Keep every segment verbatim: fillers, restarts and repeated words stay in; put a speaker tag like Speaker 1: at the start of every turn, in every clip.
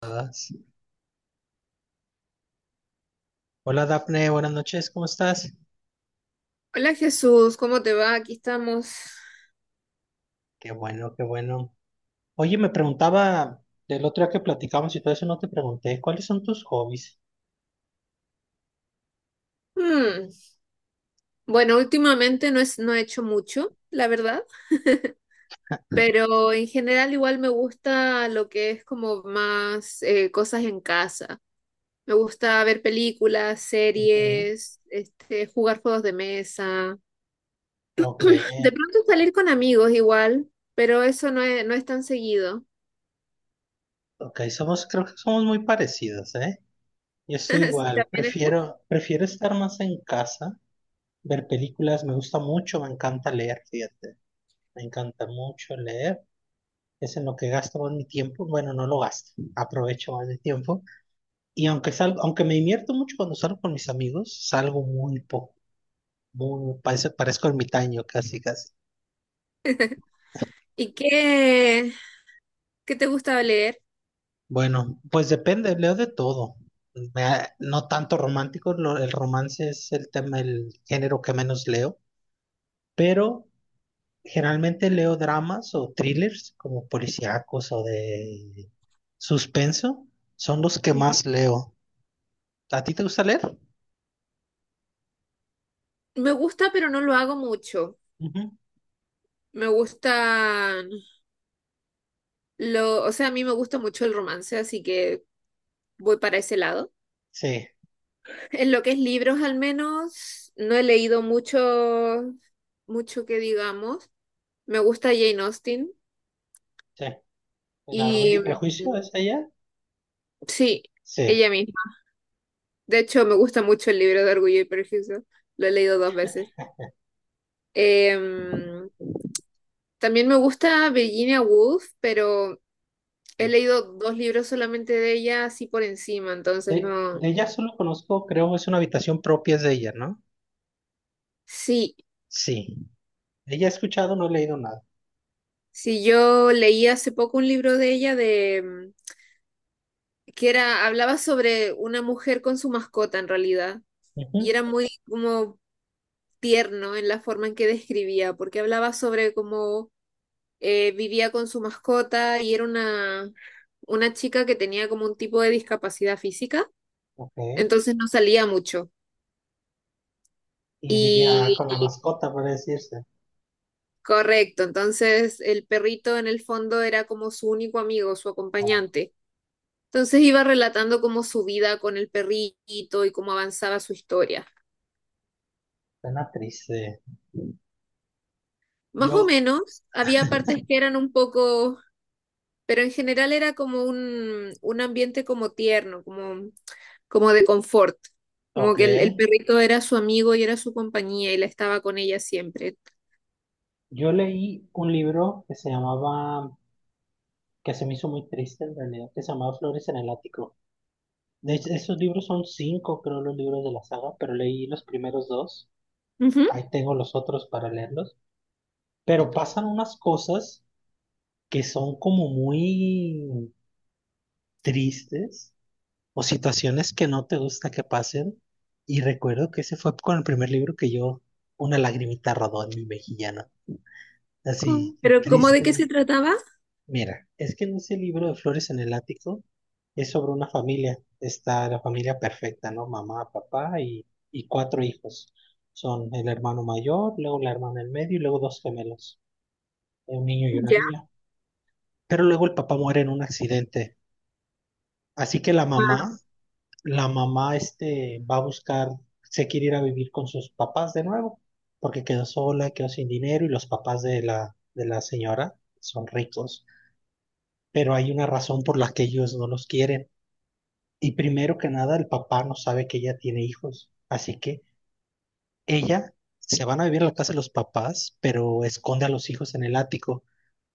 Speaker 1: Todas. Hola Dafne, buenas noches, ¿cómo estás?
Speaker 2: Hola Jesús, ¿cómo te va? Aquí estamos.
Speaker 1: Qué bueno, qué bueno. Oye, me preguntaba del otro día que platicamos y todo eso no te pregunté, ¿cuáles son tus hobbies?
Speaker 2: Hmm, Bueno, últimamente no es, no he hecho mucho, la verdad. Pero en general igual me gusta lo que es como más eh, cosas en casa. Me gusta ver películas,
Speaker 1: Ujú.
Speaker 2: series, este, jugar juegos de mesa.
Speaker 1: Ok,
Speaker 2: De pronto salir con amigos igual, pero eso no es, no es tan seguido.
Speaker 1: ok, somos, creo que somos muy parecidos, ¿eh? Yo estoy
Speaker 2: Sí,
Speaker 1: igual,
Speaker 2: también está.
Speaker 1: prefiero, prefiero estar más en casa, ver películas, me gusta mucho, me encanta leer, fíjate, me encanta mucho leer, es en lo que gasto más mi tiempo, bueno, no lo gasto, aprovecho más mi tiempo. Y aunque salgo, aunque me divierto mucho cuando salgo con mis amigos, salgo muy poco, muy, parece- parezco ermitaño casi, casi.
Speaker 2: ¿Y qué, qué te gusta leer?
Speaker 1: Bueno, pues depende, leo de todo. Me ha- no tanto romántico, lo- el romance es el tema, el género que menos leo, pero generalmente leo dramas o thrillers como policíacos o de suspenso, son los que
Speaker 2: Ujú.
Speaker 1: más leo. ¿A ti te gusta leer?
Speaker 2: Me gusta, pero no lo hago mucho.
Speaker 1: Ujú.
Speaker 2: Me gustan lo, o sea, a mí me gusta mucho el romance, así que voy para ese lado.
Speaker 1: Sí,
Speaker 2: En lo que es libros, al menos, no he leído mucho, mucho que digamos. Me gusta Jane Austen
Speaker 1: sí. ¿El orgullo
Speaker 2: y
Speaker 1: y prejuicio
Speaker 2: mm,
Speaker 1: es allá?
Speaker 2: sí,
Speaker 1: Sí.
Speaker 2: ella misma. De hecho, me gusta mucho el libro de Orgullo y Prejuicio. Lo he leído dos veces. Em, también me gusta Virginia Woolf, pero he leído dos libros solamente de ella, así por encima, entonces
Speaker 1: De,
Speaker 2: no.
Speaker 1: de ella solo conozco, creo, es una habitación propia es de ella, ¿no?
Speaker 2: Sí,
Speaker 1: Sí. De ella he escuchado, no he leído nada.
Speaker 2: sí, yo leí hace poco un libro de ella de mm, que era, hablaba sobre una mujer con su mascota en realidad, y
Speaker 1: Ujú.
Speaker 2: era muy como tierno en la forma en que describía, porque hablaba sobre cómo eh, vivía con su mascota y era una, una chica que tenía como un tipo de discapacidad física,
Speaker 1: Ok.
Speaker 2: entonces no salía mucho.
Speaker 1: Y vivía
Speaker 2: Y,
Speaker 1: con la
Speaker 2: y
Speaker 1: mascota, por decirse.
Speaker 2: correcto, entonces el perrito en el fondo era como su único amigo, su
Speaker 1: Como
Speaker 2: acompañante. Entonces iba relatando cómo su vida con el perrito y cómo avanzaba su historia.
Speaker 1: pena triste.
Speaker 2: Más o
Speaker 1: Yo,
Speaker 2: menos, había partes que eran un poco, pero en general era como un, un ambiente como tierno, como, como de confort, como
Speaker 1: ok.
Speaker 2: que el, el perrito era su amigo y era su compañía y la estaba con ella siempre.
Speaker 1: Yo leí un libro que se llamaba, que se me hizo muy triste en realidad, que se llamaba Flores en el Ático. De hecho, esos libros son cinco, creo, los libros de la saga, pero leí los primeros dos.
Speaker 2: Ujú.
Speaker 1: Ahí tengo los otros para leerlos. Pero pasan unas cosas que son como muy tristes o situaciones que no te gusta que pasen. Y recuerdo que ese fue con el primer libro que yo, una lagrimita rodó en mi mejillana,
Speaker 2: Com-
Speaker 1: así
Speaker 2: Pero ¿cómo de qué
Speaker 1: triste.
Speaker 2: se trataba?
Speaker 1: Mira, es que en ese libro de Flores en el Ático es sobre una familia, está la familia perfecta, ¿no? Mamá, papá y, y cuatro hijos. Son el hermano mayor, luego la hermana del medio y luego dos gemelos, un niño y una
Speaker 2: Ya.
Speaker 1: niña. Pero luego el papá muere en un accidente, así que la mamá la mamá este, va a buscar, se quiere ir a vivir con sus papás de nuevo, porque quedó sola, quedó sin dinero y los papás de la, de la señora son ricos, pero hay una razón por la que ellos no los quieren. Y primero que nada, el papá no sabe que ella tiene hijos, así que ella se van a vivir a la casa de los papás, pero esconde a los hijos en el ático.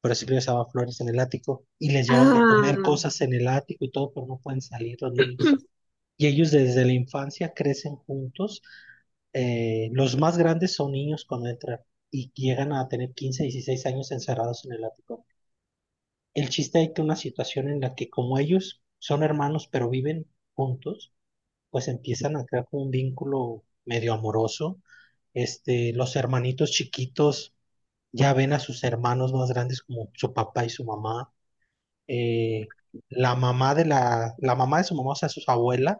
Speaker 1: Por eso les daba flores en el ático y les llevan de comer
Speaker 2: Ah.
Speaker 1: cosas en el ático y todo, pero no pueden salir los niños. Y ellos desde la infancia crecen juntos. Eh, los más grandes son niños cuando entran y llegan a tener quince dieciséis años encerrados en el ático. El chiste es que una situación en la que como ellos son hermanos pero viven juntos, pues empiezan a crear como un vínculo medio amoroso. Este, los hermanitos chiquitos ya ven a sus hermanos más grandes como su papá y su mamá, eh, la mamá de la, la mamá de su mamá, o sea, sus abuelas,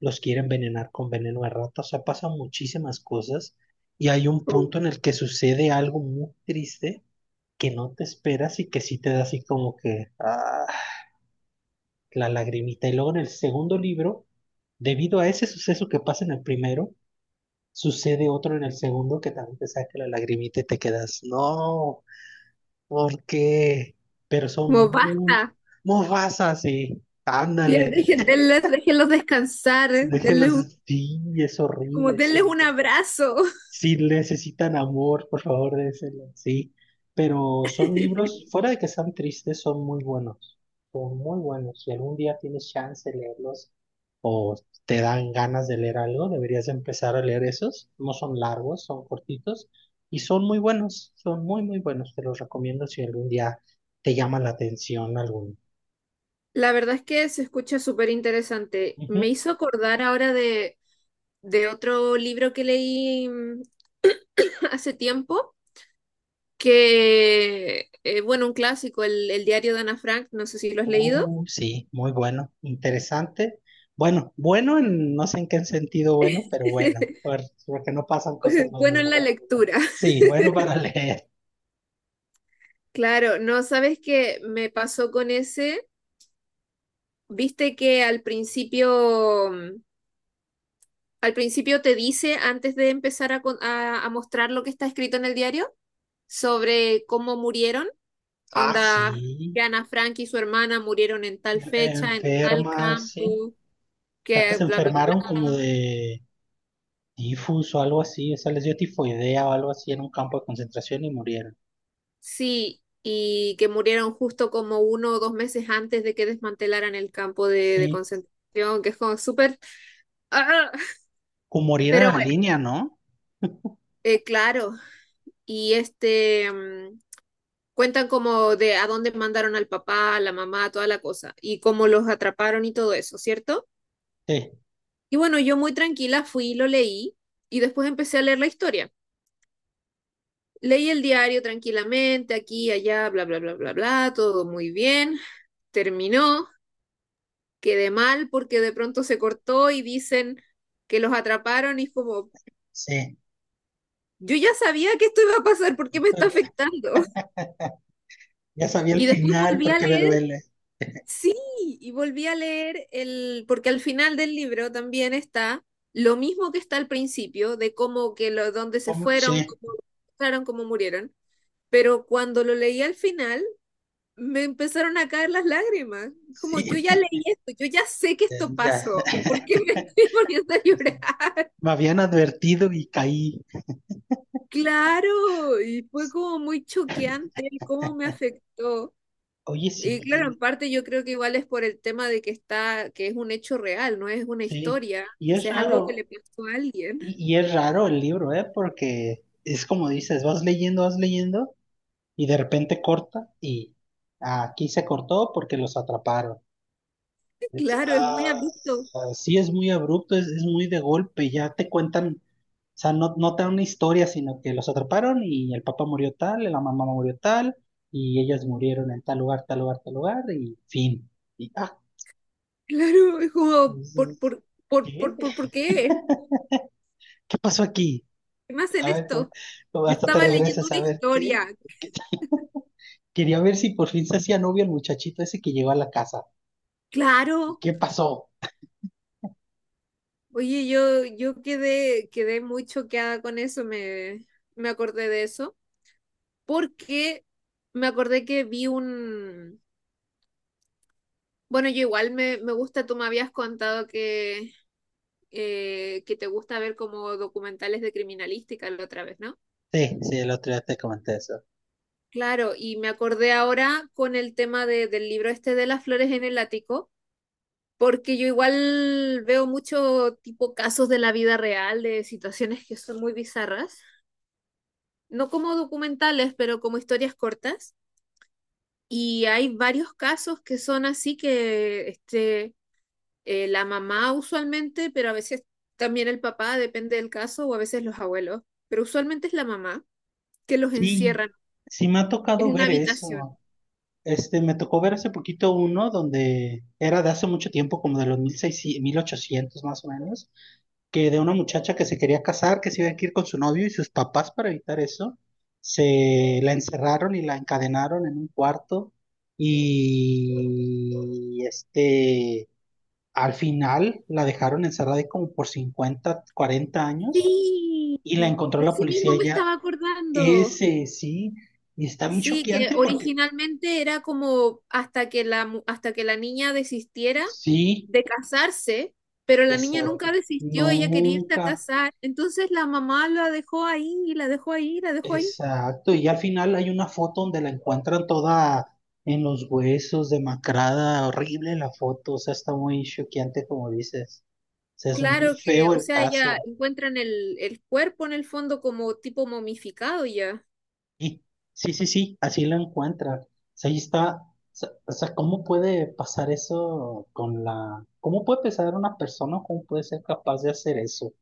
Speaker 1: los quiere envenenar con veneno de rata, o sea, pasan muchísimas cosas y hay un punto en el que sucede algo muy triste que no te esperas y que sí te da así como que ah, la lagrimita. Y luego en el segundo libro, debido a ese suceso que pasa en el primero, sucede otro en el segundo que también te saca la lagrimita y te quedas, no, ¿por qué? Pero son
Speaker 2: Como
Speaker 1: muy,
Speaker 2: basta,
Speaker 1: muy fasas y
Speaker 2: ya
Speaker 1: ándale.
Speaker 2: dejen, denles- déjenlos descansar, denles
Speaker 1: Déjenlos,
Speaker 2: un,
Speaker 1: sí, es
Speaker 2: como
Speaker 1: horrible ese
Speaker 2: denles un
Speaker 1: libro.
Speaker 2: abrazo.
Speaker 1: Si necesitan amor, por favor, déjenlo, sí. Pero son libros, fuera de que sean tristes, son muy buenos, son muy buenos. Si algún día tienes chance de leerlos o te dan ganas de leer algo, deberías empezar a leer esos. No son largos, son cortitos y son muy buenos, son muy, muy buenos. Te los recomiendo si algún día te llama la atención alguno.
Speaker 2: La verdad es que se escucha súper interesante.
Speaker 1: Ujú.
Speaker 2: Me hizo acordar ahora de, de otro libro que leí mm, hace tiempo, que, eh, bueno, un clásico, el, el diario de Ana Frank, no sé si lo has leído.
Speaker 1: Oh, sí, muy bueno, interesante. Bueno, bueno en no sé en qué sentido bueno, pero bueno, por- porque no pasan cosas buenas,
Speaker 2: Bueno, en la
Speaker 1: ¿verdad?
Speaker 2: lectura.
Speaker 1: Sí, bueno para leer.
Speaker 2: Claro, no sabes qué me pasó con ese. Viste que al principio, mm, al principio te dice, antes de empezar a, con- a a mostrar lo que está escrito en el diario, sobre cómo murieron.
Speaker 1: Ah,
Speaker 2: Onda,
Speaker 1: sí,
Speaker 2: que Ana Frank y su hermana murieron en tal fecha, en tal
Speaker 1: enfermas, sí.
Speaker 2: campo,
Speaker 1: O sea, que
Speaker 2: que
Speaker 1: se
Speaker 2: bla, bla,
Speaker 1: enfermaron como
Speaker 2: bla.
Speaker 1: de tifus o algo así, o sea, les dio tifoidea o algo así en un campo de concentración y murieron.
Speaker 2: Sí, y que murieron justo como uno o dos meses antes de que desmantelaran el campo de, de
Speaker 1: Sí,
Speaker 2: concentración, que es como súper... ¡Ah!
Speaker 1: o morir en
Speaker 2: Pero
Speaker 1: la
Speaker 2: bueno,
Speaker 1: línea, ¿no?
Speaker 2: eh, claro. Y este... mm, cuentan como de a dónde mandaron al papá, a la mamá, toda la cosa, y cómo los atraparon y todo eso, ¿cierto?
Speaker 1: Sí,
Speaker 2: Y bueno, yo muy tranquila fui y lo leí, y después empecé a leer la historia. Leí el diario tranquilamente, aquí, allá, bla, bla, bla, bla, bla, todo muy bien. Terminó, quedé mal porque de pronto se cortó y dicen que los atraparon y es como,
Speaker 1: sí.
Speaker 2: yo ya sabía que esto iba a pasar, ¿por qué me está afectando?
Speaker 1: Ya sabía el
Speaker 2: Y después
Speaker 1: final
Speaker 2: volví a
Speaker 1: porque me
Speaker 2: leer,
Speaker 1: duele.
Speaker 2: sí, y volví a leer el, porque al final del libro también está lo mismo que está al principio, de cómo que lo, dónde se
Speaker 1: ¿Cómo?
Speaker 2: fueron,
Speaker 1: Sí,
Speaker 2: cómo, cómo murieron, pero cuando lo leí al final me empezaron a caer las lágrimas. Como
Speaker 1: sí,
Speaker 2: yo ya leí esto, yo ya sé que esto
Speaker 1: ya.
Speaker 2: pasó. ¿Por qué me estoy poniendo a
Speaker 1: Este,
Speaker 2: llorar?
Speaker 1: me habían advertido y caí.
Speaker 2: Claro, y fue como muy choqueante el cómo me afectó.
Speaker 1: Oye,
Speaker 2: Y
Speaker 1: sí,
Speaker 2: claro, en
Speaker 1: y-
Speaker 2: parte yo creo que igual es por el tema de que está, que es un hecho real, no es una
Speaker 1: sí.
Speaker 2: historia,
Speaker 1: Y
Speaker 2: o
Speaker 1: es
Speaker 2: sea, es algo que
Speaker 1: raro,
Speaker 2: le pasó a alguien.
Speaker 1: y, y es raro el libro, ¿eh? Porque es como dices, vas leyendo, vas leyendo, y de repente corta, y aquí se cortó porque los atraparon. Es-
Speaker 2: Claro, es muy
Speaker 1: ah,
Speaker 2: abrupto.
Speaker 1: ah, sí, es muy abrupto, es, es muy de golpe, ya te cuentan, o sea, no, no te dan una historia, sino que los atraparon y el papá murió tal, la mamá murió tal, y ellas murieron en tal lugar, tal lugar, tal lugar, y fin. Y, ah,
Speaker 2: Claro, es como,
Speaker 1: mm,
Speaker 2: ¿por, por, por,
Speaker 1: ¿qué?
Speaker 2: por, por, por qué?
Speaker 1: ¿Qué pasó aquí?
Speaker 2: ¿Qué me hacen
Speaker 1: A ver, pues,
Speaker 2: esto?
Speaker 1: no,
Speaker 2: Yo
Speaker 1: hasta te
Speaker 2: estaba leyendo
Speaker 1: regresas
Speaker 2: una
Speaker 1: a ver qué.
Speaker 2: historia.
Speaker 1: ¿Qué? Quería ver si por fin se hacía novio el muchachito ese que llegó a la casa.
Speaker 2: Claro.
Speaker 1: ¿Qué pasó?
Speaker 2: Oye, yo, yo quedé, quedé muy choqueada con eso, me, me acordé de eso, porque me acordé que vi un... Bueno, yo igual me, me gusta, tú me habías contado que, eh, que te gusta ver como documentales de criminalística la otra vez, ¿no?
Speaker 1: Sí, sí, el otro día te comenté eso.
Speaker 2: Claro, y me acordé ahora con el tema de- del libro este de las flores en el ático, porque yo igual veo mucho tipo casos de la vida real, de situaciones que son muy bizarras, no como documentales, pero como historias cortas. Y hay varios casos que son así que este, eh, la mamá usualmente, pero a veces también el papá, depende del caso, o a veces los abuelos, pero usualmente es la mamá que los
Speaker 1: Sí,
Speaker 2: encierran
Speaker 1: sí me ha
Speaker 2: en
Speaker 1: tocado
Speaker 2: una
Speaker 1: ver
Speaker 2: habitación.
Speaker 1: eso. Este, me tocó ver hace poquito uno donde era de hace mucho tiempo, como de los mil seiscientos, mil ochocientos más o menos, que de una muchacha que se quería casar, que se iba a ir con su novio y sus papás para evitar eso, se la encerraron y la encadenaron en un cuarto y este, al final la dejaron encerrada ahí como por cincuenta, cuarenta años
Speaker 2: Sí,
Speaker 1: y la encontró
Speaker 2: de
Speaker 1: la
Speaker 2: ese mismo
Speaker 1: policía
Speaker 2: me
Speaker 1: ya,
Speaker 2: estaba acordando.
Speaker 1: ese sí, y está bien
Speaker 2: Sí, que
Speaker 1: choqueante porque
Speaker 2: originalmente era como hasta que la, mu- hasta que la niña desistiera
Speaker 1: sí,
Speaker 2: de casarse, pero la niña nunca
Speaker 1: exacto
Speaker 2: desistió, ella quería irse a
Speaker 1: nunca.
Speaker 2: casar. Entonces la mamá la dejó ahí, y la dejó ahí, y la dejó ahí.
Speaker 1: Exacto, y al final hay una foto donde la encuentran toda en los huesos, demacrada, horrible la foto, o sea, está muy choqueante como dices. O sea, es muy
Speaker 2: Claro que,
Speaker 1: feo
Speaker 2: o
Speaker 1: el
Speaker 2: sea, ella
Speaker 1: caso.
Speaker 2: encuentran el, el cuerpo en el fondo como tipo momificado ya.
Speaker 1: Y sí, sí, sí, así la encuentran. O sea, ahí está. O sea, ¿cómo puede pasar eso con la... ¿Cómo puede pensar una persona? ¿Cómo puede ser capaz de hacer eso?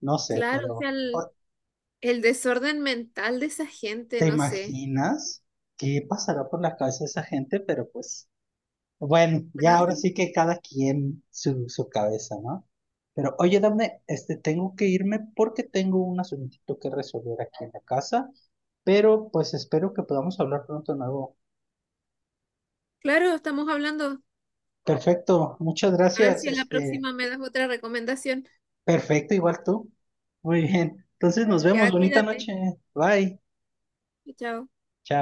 Speaker 1: No sé,
Speaker 2: Claro, o
Speaker 1: pero
Speaker 2: sea, el,
Speaker 1: o-
Speaker 2: el desorden mental de esa gente,
Speaker 1: ¿te
Speaker 2: no sé.
Speaker 1: imaginas qué pasará por la cabeza de esa gente? Pero pues... Bueno, ya ahora
Speaker 2: Pero,
Speaker 1: sí que cada quien su, su cabeza, ¿no? Pero oye, dame, este, tengo que irme porque tengo un asuntito que resolver aquí en la casa, pero pues espero que podamos hablar pronto de nuevo.
Speaker 2: claro, estamos hablando.
Speaker 1: Perfecto, muchas
Speaker 2: A ver
Speaker 1: gracias,
Speaker 2: si en la
Speaker 1: este,
Speaker 2: próxima me das otra recomendación.
Speaker 1: perfecto, igual tú. Muy bien, entonces nos vemos,
Speaker 2: Ya,
Speaker 1: bonita
Speaker 2: cuídate.
Speaker 1: noche, bye,
Speaker 2: Chao.
Speaker 1: chao.